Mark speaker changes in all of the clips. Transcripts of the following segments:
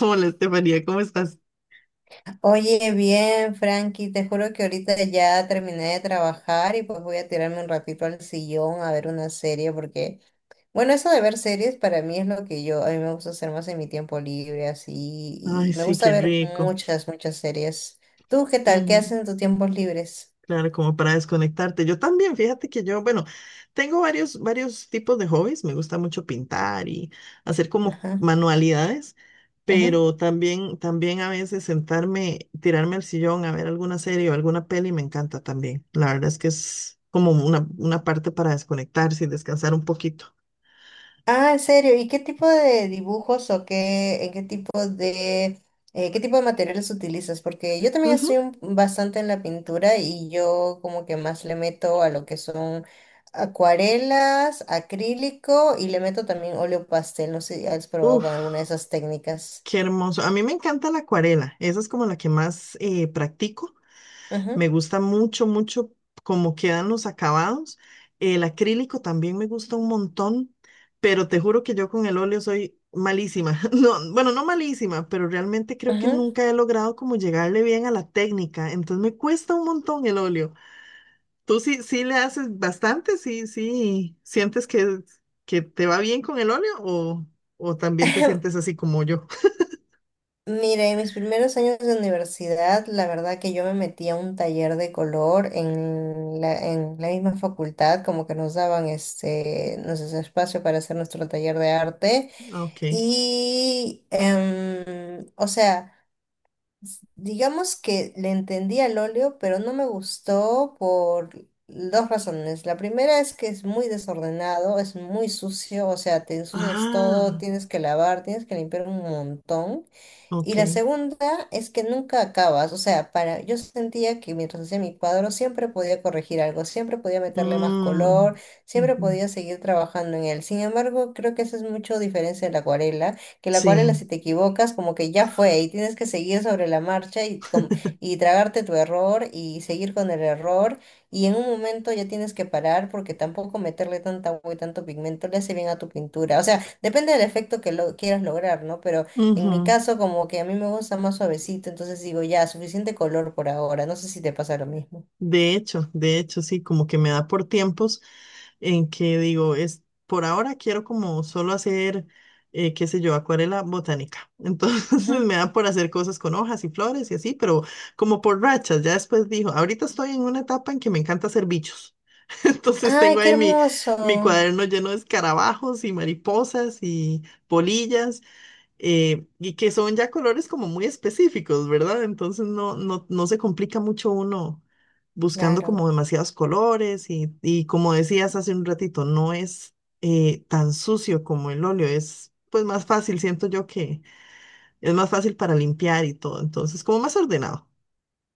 Speaker 1: Hola, Estefanía, ¿cómo estás?
Speaker 2: Oye, bien, Frankie, te juro que ahorita ya terminé de trabajar y pues voy a tirarme un ratito al sillón a ver una serie porque, bueno, eso de ver series para mí es lo que a mí me gusta hacer más en mi tiempo libre, así,
Speaker 1: Ay,
Speaker 2: y me
Speaker 1: sí,
Speaker 2: gusta
Speaker 1: qué
Speaker 2: ver
Speaker 1: rico.
Speaker 2: muchas, muchas series. ¿Tú qué tal? ¿Qué haces
Speaker 1: Ujú.
Speaker 2: en tus tiempos libres?
Speaker 1: Claro, como para desconectarte. Yo también, fíjate que yo, bueno, tengo varios tipos de hobbies. Me gusta mucho pintar y hacer como
Speaker 2: Ajá,
Speaker 1: manualidades,
Speaker 2: ujú.
Speaker 1: pero también a veces sentarme, tirarme al sillón a ver alguna serie o alguna peli me encanta también. La verdad es que es como una parte para desconectarse y descansar un poquito.
Speaker 2: Ah, ¿en serio? ¿Y qué tipo de dibujos o qué, en qué tipo de materiales utilizas? Porque yo también estoy
Speaker 1: Ujú.
Speaker 2: bastante en la pintura y yo como que más le meto a lo que son acuarelas, acrílico y le meto también óleo pastel. No sé si has probado
Speaker 1: Uf,
Speaker 2: con alguna de esas técnicas.
Speaker 1: qué hermoso. A mí me encanta la acuarela. Esa es como la que más practico.
Speaker 2: Ujú,
Speaker 1: Me gusta mucho, mucho cómo quedan los acabados. El acrílico también me gusta un montón, pero te juro que yo con el óleo soy malísima. No, bueno, no malísima, pero realmente creo que
Speaker 2: ujú.
Speaker 1: nunca he logrado como llegarle bien a la técnica. Entonces me cuesta un montón el óleo. Tú sí, sí le haces bastante, sí, sí. ¿Sientes que te va bien con el óleo o también te sientes así como yo?
Speaker 2: Mira, en mis primeros años de universidad, la verdad que yo me metí a un taller de color en la misma facultad, como que nos daban este, nuestro espacio para hacer nuestro taller de arte.
Speaker 1: Ok.
Speaker 2: Y, o sea, digamos que le entendí al óleo, pero no me gustó por dos razones. La primera es que es muy desordenado, es muy sucio, o sea, te ensucias todo,
Speaker 1: Ah,
Speaker 2: tienes que lavar, tienes que limpiar un montón. Y
Speaker 1: ok.
Speaker 2: la segunda es que nunca acabas, o sea, para, yo sentía que mientras hacía mi cuadro siempre podía corregir algo, siempre podía meterle más color,
Speaker 1: Mm,
Speaker 2: siempre
Speaker 1: ujú.
Speaker 2: podía seguir trabajando en él. Sin embargo, creo que esa es mucho diferencia de la acuarela, que la acuarela
Speaker 1: Sí.
Speaker 2: si te equivocas como que ya fue y tienes que seguir sobre la marcha y y tragarte tu error y seguir con el error y en un momento ya tienes que parar porque tampoco meterle tanta agua y tanto pigmento le hace bien a tu pintura. O sea, depende del efecto que lo quieras lograr, ¿no? Pero en mi
Speaker 1: Ujú.
Speaker 2: caso, como que a mí me gusta más suavecito, entonces digo, ya, suficiente color por ahora. No sé si te pasa lo mismo.
Speaker 1: De hecho, sí, como que me da por tiempos en que digo, es por ahora quiero como solo hacer, qué sé yo, acuarela botánica. Entonces
Speaker 2: Ujú.
Speaker 1: me da por hacer cosas con hojas y flores y así, pero como por rachas. Ya después dijo, ahorita estoy en una etapa en que me encanta hacer bichos. Entonces
Speaker 2: ¡Ay,
Speaker 1: tengo
Speaker 2: qué
Speaker 1: ahí mi
Speaker 2: hermoso!
Speaker 1: cuaderno lleno de escarabajos y mariposas y polillas y que son ya colores como muy específicos, ¿verdad? Entonces no, no, no se complica mucho uno buscando
Speaker 2: Claro.
Speaker 1: como demasiados colores y como decías hace un ratito, no es tan sucio como el óleo, es pues más fácil, siento yo que es más fácil para limpiar y todo, entonces como más ordenado.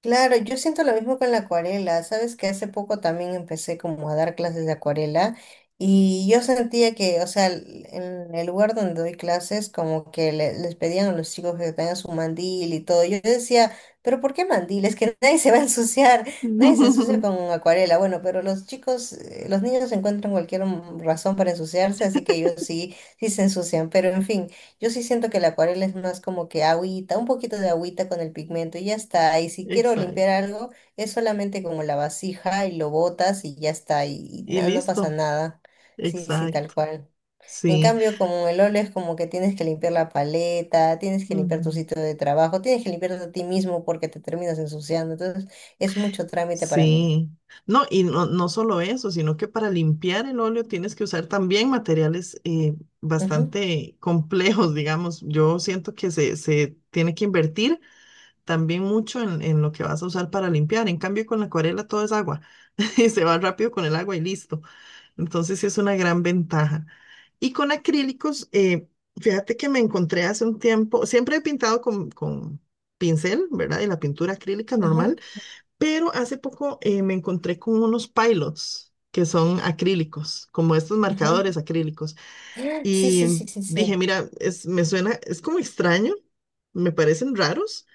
Speaker 2: Claro, yo siento lo mismo con la acuarela. Sabes que hace poco también empecé como a dar clases de acuarela y yo sentía que, o sea, en el lugar donde doy clases, como que les pedían a los chicos que tengan su mandil y todo. Yo decía, pero ¿por qué mandil? Es que nadie se va a ensuciar, nadie se ensucia con acuarela. Bueno, pero los chicos, los niños encuentran cualquier razón para ensuciarse, así que ellos sí, sí se ensucian. Pero en fin. Yo sí siento que la acuarela es más como que agüita, un poquito de agüita con el pigmento y ya está. Y si quiero
Speaker 1: Exacto.
Speaker 2: limpiar algo, es solamente como la vasija y lo botas y ya está. Y,
Speaker 1: Y
Speaker 2: nada, no pasa
Speaker 1: listo,
Speaker 2: nada. Sí, sí, tal
Speaker 1: exacto,
Speaker 2: cual. En
Speaker 1: sí.
Speaker 2: cambio, como el óleo es como que tienes que limpiar la paleta, tienes que limpiar tu
Speaker 1: Ujú.
Speaker 2: sitio de trabajo, tienes que limpiarte a ti mismo porque te terminas ensuciando. Entonces, es mucho trámite para mí.
Speaker 1: Sí, no, y no, no solo eso, sino que para limpiar el óleo tienes que usar también materiales
Speaker 2: Ujú,
Speaker 1: bastante complejos, digamos. Yo siento que se tiene que invertir también mucho en lo que vas a usar para limpiar. En cambio, con la acuarela todo es agua y se va rápido con el agua y listo. Entonces, sí es una gran ventaja. Y con acrílicos, fíjate que me encontré hace un tiempo, siempre he pintado con pincel, ¿verdad? Y la pintura acrílica
Speaker 2: ujú,
Speaker 1: normal, pero hace poco me encontré con unos pilots que son acrílicos, como estos
Speaker 2: ujú.
Speaker 1: marcadores acrílicos.
Speaker 2: Sí,
Speaker 1: Y
Speaker 2: sí, sí, sí,
Speaker 1: dije,
Speaker 2: sí.
Speaker 1: mira, es, me suena, es como extraño, me parecen raros,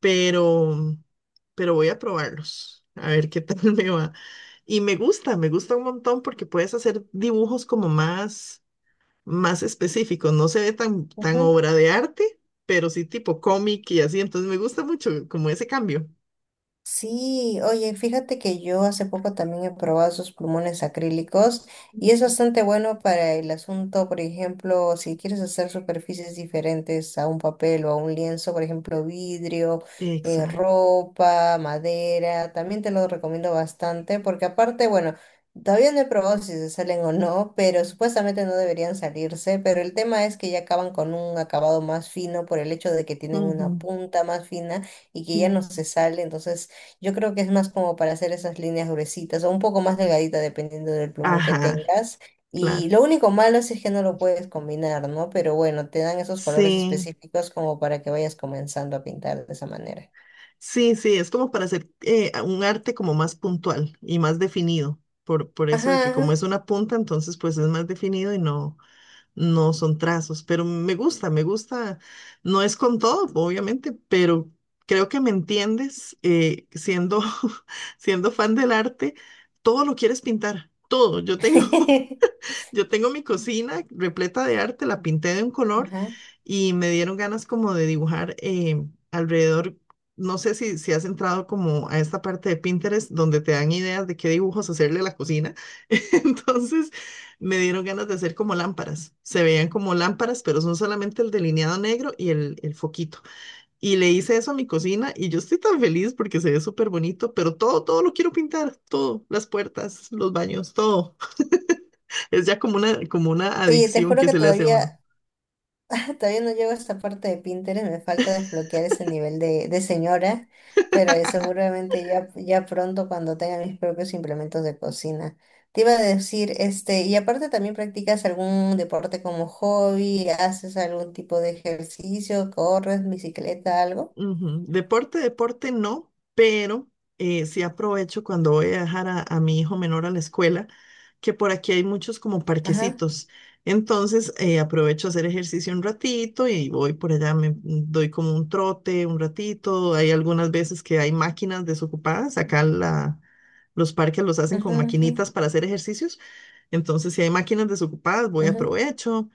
Speaker 1: pero, pero voy a probarlos, a ver qué tal me va. Y me gusta un montón porque puedes hacer dibujos como más, más específicos. No se ve tan, tan obra de arte, pero sí tipo cómic y así. Entonces me gusta mucho como ese cambio.
Speaker 2: Sí, oye, fíjate que yo hace poco también he probado esos plumones acrílicos y es bastante bueno para el asunto, por ejemplo, si quieres hacer superficies diferentes a un papel o a un lienzo, por ejemplo, vidrio,
Speaker 1: Exacto.
Speaker 2: ropa, madera, también te lo recomiendo bastante porque aparte, bueno, todavía no he probado si se salen o no, pero supuestamente no deberían salirse, pero el tema es que ya acaban con un acabado más fino por el hecho de que tienen
Speaker 1: Ujú,
Speaker 2: una punta más fina y que ya no
Speaker 1: ujú.
Speaker 2: se sale, entonces yo creo que es más como para hacer esas líneas gruesitas o un poco más delgadita dependiendo del plumón que
Speaker 1: Ajá,
Speaker 2: tengas. Y
Speaker 1: claro.
Speaker 2: lo único malo es que no lo puedes combinar, ¿no? Pero bueno, te dan esos colores
Speaker 1: Sí,
Speaker 2: específicos como para que vayas comenzando a pintar de esa manera.
Speaker 1: sí, sí, es como para hacer un arte como más puntual y más definido, por eso de
Speaker 2: Ajá,
Speaker 1: que como
Speaker 2: ajá.
Speaker 1: es una punta, entonces pues es más definido y no son trazos, pero me gusta, no es con todo, obviamente, pero creo que me entiendes, siendo, siendo fan del arte, todo lo quieres pintar, todo, yo tengo Yo tengo mi cocina repleta de arte, la pinté de un color
Speaker 2: Ajá.
Speaker 1: y me dieron ganas como de dibujar alrededor. No sé si has entrado como a esta parte de Pinterest donde te dan ideas de qué dibujos hacerle a la cocina. Entonces me dieron ganas de hacer como lámparas. Se veían como lámparas, pero son solamente el delineado negro y el foquito. Y le hice eso a mi cocina y yo estoy tan feliz porque se ve súper bonito, pero todo, todo lo quiero pintar, todo, las puertas, los baños, todo. Es ya como una
Speaker 2: Oye, te
Speaker 1: adicción
Speaker 2: juro
Speaker 1: que
Speaker 2: que
Speaker 1: se le hace a uno.
Speaker 2: todavía todavía no llego a esta parte de Pinterest, me falta desbloquear ese nivel de señora, pero seguramente ya, ya pronto cuando tenga mis propios implementos de cocina. Te iba a decir, este, y aparte también practicas algún deporte como hobby, haces algún tipo de ejercicio, corres, bicicleta, algo.
Speaker 1: Ujú. Deporte, deporte no, pero sí aprovecho cuando voy a dejar a mi hijo menor a la escuela, que por aquí hay muchos como
Speaker 2: Ajá,
Speaker 1: parquecitos. Entonces aprovecho a hacer ejercicio un ratito y voy por allá, me doy como un trote un ratito. Hay algunas veces que hay máquinas desocupadas. Acá los parques los hacen
Speaker 2: ajá,
Speaker 1: con
Speaker 2: ajá,
Speaker 1: maquinitas para hacer ejercicios. Entonces si hay máquinas desocupadas, voy
Speaker 2: ajá.
Speaker 1: aprovecho.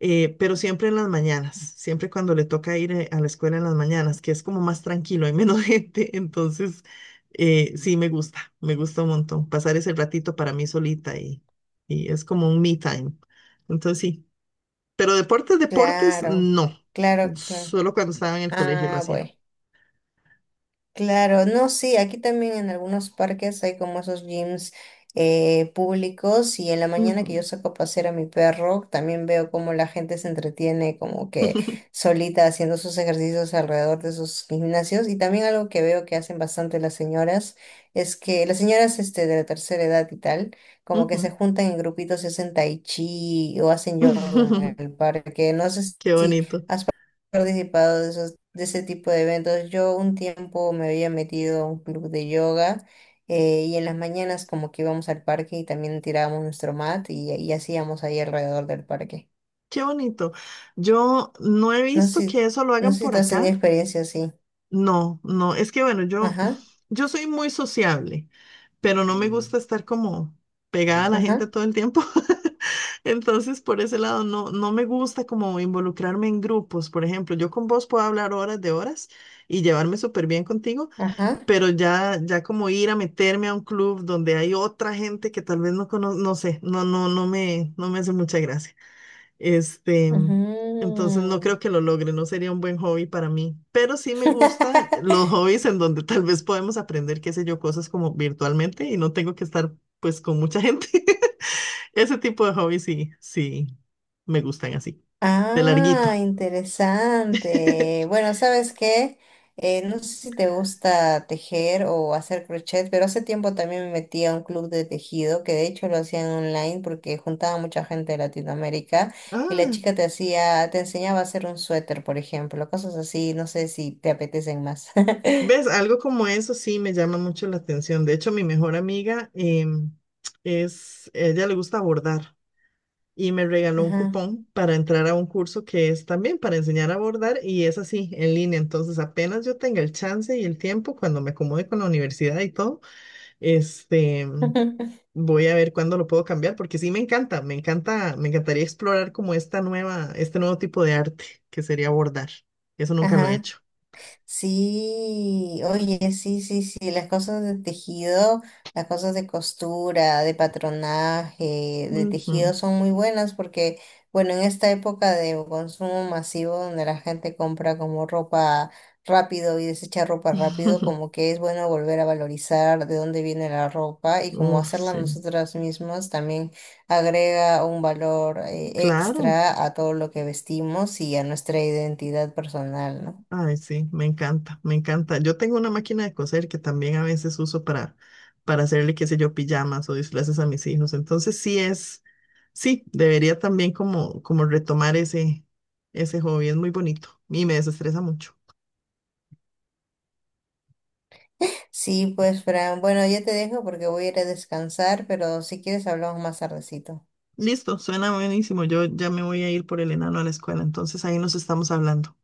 Speaker 1: Pero siempre en las mañanas, siempre cuando le toca ir a la escuela en las mañanas, que es como más tranquilo, hay menos gente, entonces sí me gusta un montón pasar ese ratito para mí solita y es como un me time, entonces sí, pero deportes, deportes,
Speaker 2: Claro,
Speaker 1: no,
Speaker 2: claro, claro.
Speaker 1: solo cuando estaba en el colegio lo
Speaker 2: Ah,
Speaker 1: hacía.
Speaker 2: bueno. Claro, no, sí, aquí también en algunos parques hay como esos gyms públicos y en la mañana que yo
Speaker 1: Ujú,
Speaker 2: saco a pasear a mi perro, también veo cómo la gente se entretiene como que
Speaker 1: ujú.
Speaker 2: solita haciendo sus ejercicios alrededor de sus gimnasios y también algo que veo que hacen bastante las señoras es que las señoras este, de la tercera edad y tal, como que se juntan en grupitos y hacen tai chi o hacen yoga en el parque, no sé
Speaker 1: Qué
Speaker 2: si
Speaker 1: bonito,
Speaker 2: participado de esos, de ese tipo de eventos. Yo un tiempo me había metido a un club de yoga y en las mañanas como que íbamos al parque y también tirábamos nuestro mat y hacíamos ahí alrededor del parque.
Speaker 1: qué bonito. Yo no he
Speaker 2: No sé,
Speaker 1: visto que
Speaker 2: si-
Speaker 1: eso lo
Speaker 2: no
Speaker 1: hagan
Speaker 2: sé si
Speaker 1: por
Speaker 2: tú has tenido
Speaker 1: acá.
Speaker 2: experiencia así.
Speaker 1: No, no, es que bueno, yo,
Speaker 2: Ajá,
Speaker 1: yo soy muy sociable, pero no me gusta estar como pegada a la gente
Speaker 2: ajá,
Speaker 1: todo el tiempo. Entonces, por ese lado, no, no me gusta como involucrarme en grupos. Por ejemplo, yo con vos puedo hablar horas de horas y llevarme súper bien contigo,
Speaker 2: ajá.
Speaker 1: pero ya, ya como ir a meterme a un club donde hay otra gente que tal vez no conozco, no sé, no, no, no me hace mucha gracia. Este, entonces no
Speaker 2: Ujú.
Speaker 1: creo que lo logre, no sería un buen hobby para mí, pero sí me gusta los hobbies en donde tal vez podemos aprender, qué sé yo, cosas como virtualmente y no tengo que estar pues con mucha gente. Ese tipo de hobbies sí, sí, me gustan así, de larguito.
Speaker 2: Ah, interesante. Bueno, ¿sabes qué? No sé si te gusta tejer o hacer crochet, pero hace tiempo también me metí a un club de tejido, que de hecho lo hacían online porque juntaba mucha gente de Latinoamérica y la
Speaker 1: Ah,
Speaker 2: chica te hacía, te enseñaba a hacer un suéter, por ejemplo, cosas así, no sé si te apetecen más.
Speaker 1: ves, algo como eso sí me llama mucho la atención. De hecho, mi mejor amiga ella le gusta bordar y me regaló un
Speaker 2: Ajá.
Speaker 1: cupón para entrar a un curso que es también para enseñar a bordar y es así, en línea. Entonces, apenas yo tenga el chance y el tiempo, cuando me acomode con la universidad y todo, este, voy a ver cuándo lo puedo cambiar, porque sí me encanta, me encanta, me encantaría explorar como este nuevo tipo de arte que sería bordar. Eso nunca lo he
Speaker 2: Ajá.
Speaker 1: hecho.
Speaker 2: Sí, oye, sí, sí, sí, las cosas de tejido, las cosas de costura, de patronaje, de
Speaker 1: Ujú.
Speaker 2: tejido son muy buenas porque, bueno, en esta época de consumo masivo donde la gente compra como ropa rápido y desecha ropa rápido, como que es bueno volver a valorizar de dónde viene la ropa y como
Speaker 1: Uf,
Speaker 2: hacerla
Speaker 1: sí.
Speaker 2: nosotras mismas también agrega un valor
Speaker 1: Claro.
Speaker 2: extra a todo lo que vestimos y a nuestra identidad personal, ¿no?
Speaker 1: Ay, sí, me encanta, me encanta. Yo tengo una máquina de coser que también a veces uso para hacerle, qué sé yo, pijamas o disfraces a mis hijos. Entonces sí es, sí, debería también como retomar ese hobby. Es muy bonito y me desestresa mucho.
Speaker 2: Sí, pues, Fran. Bueno, ya te dejo porque voy a ir a descansar, pero si quieres hablamos más tardecito.
Speaker 1: Listo, suena buenísimo. Yo ya me voy a ir por el enano a la escuela, entonces ahí nos estamos hablando.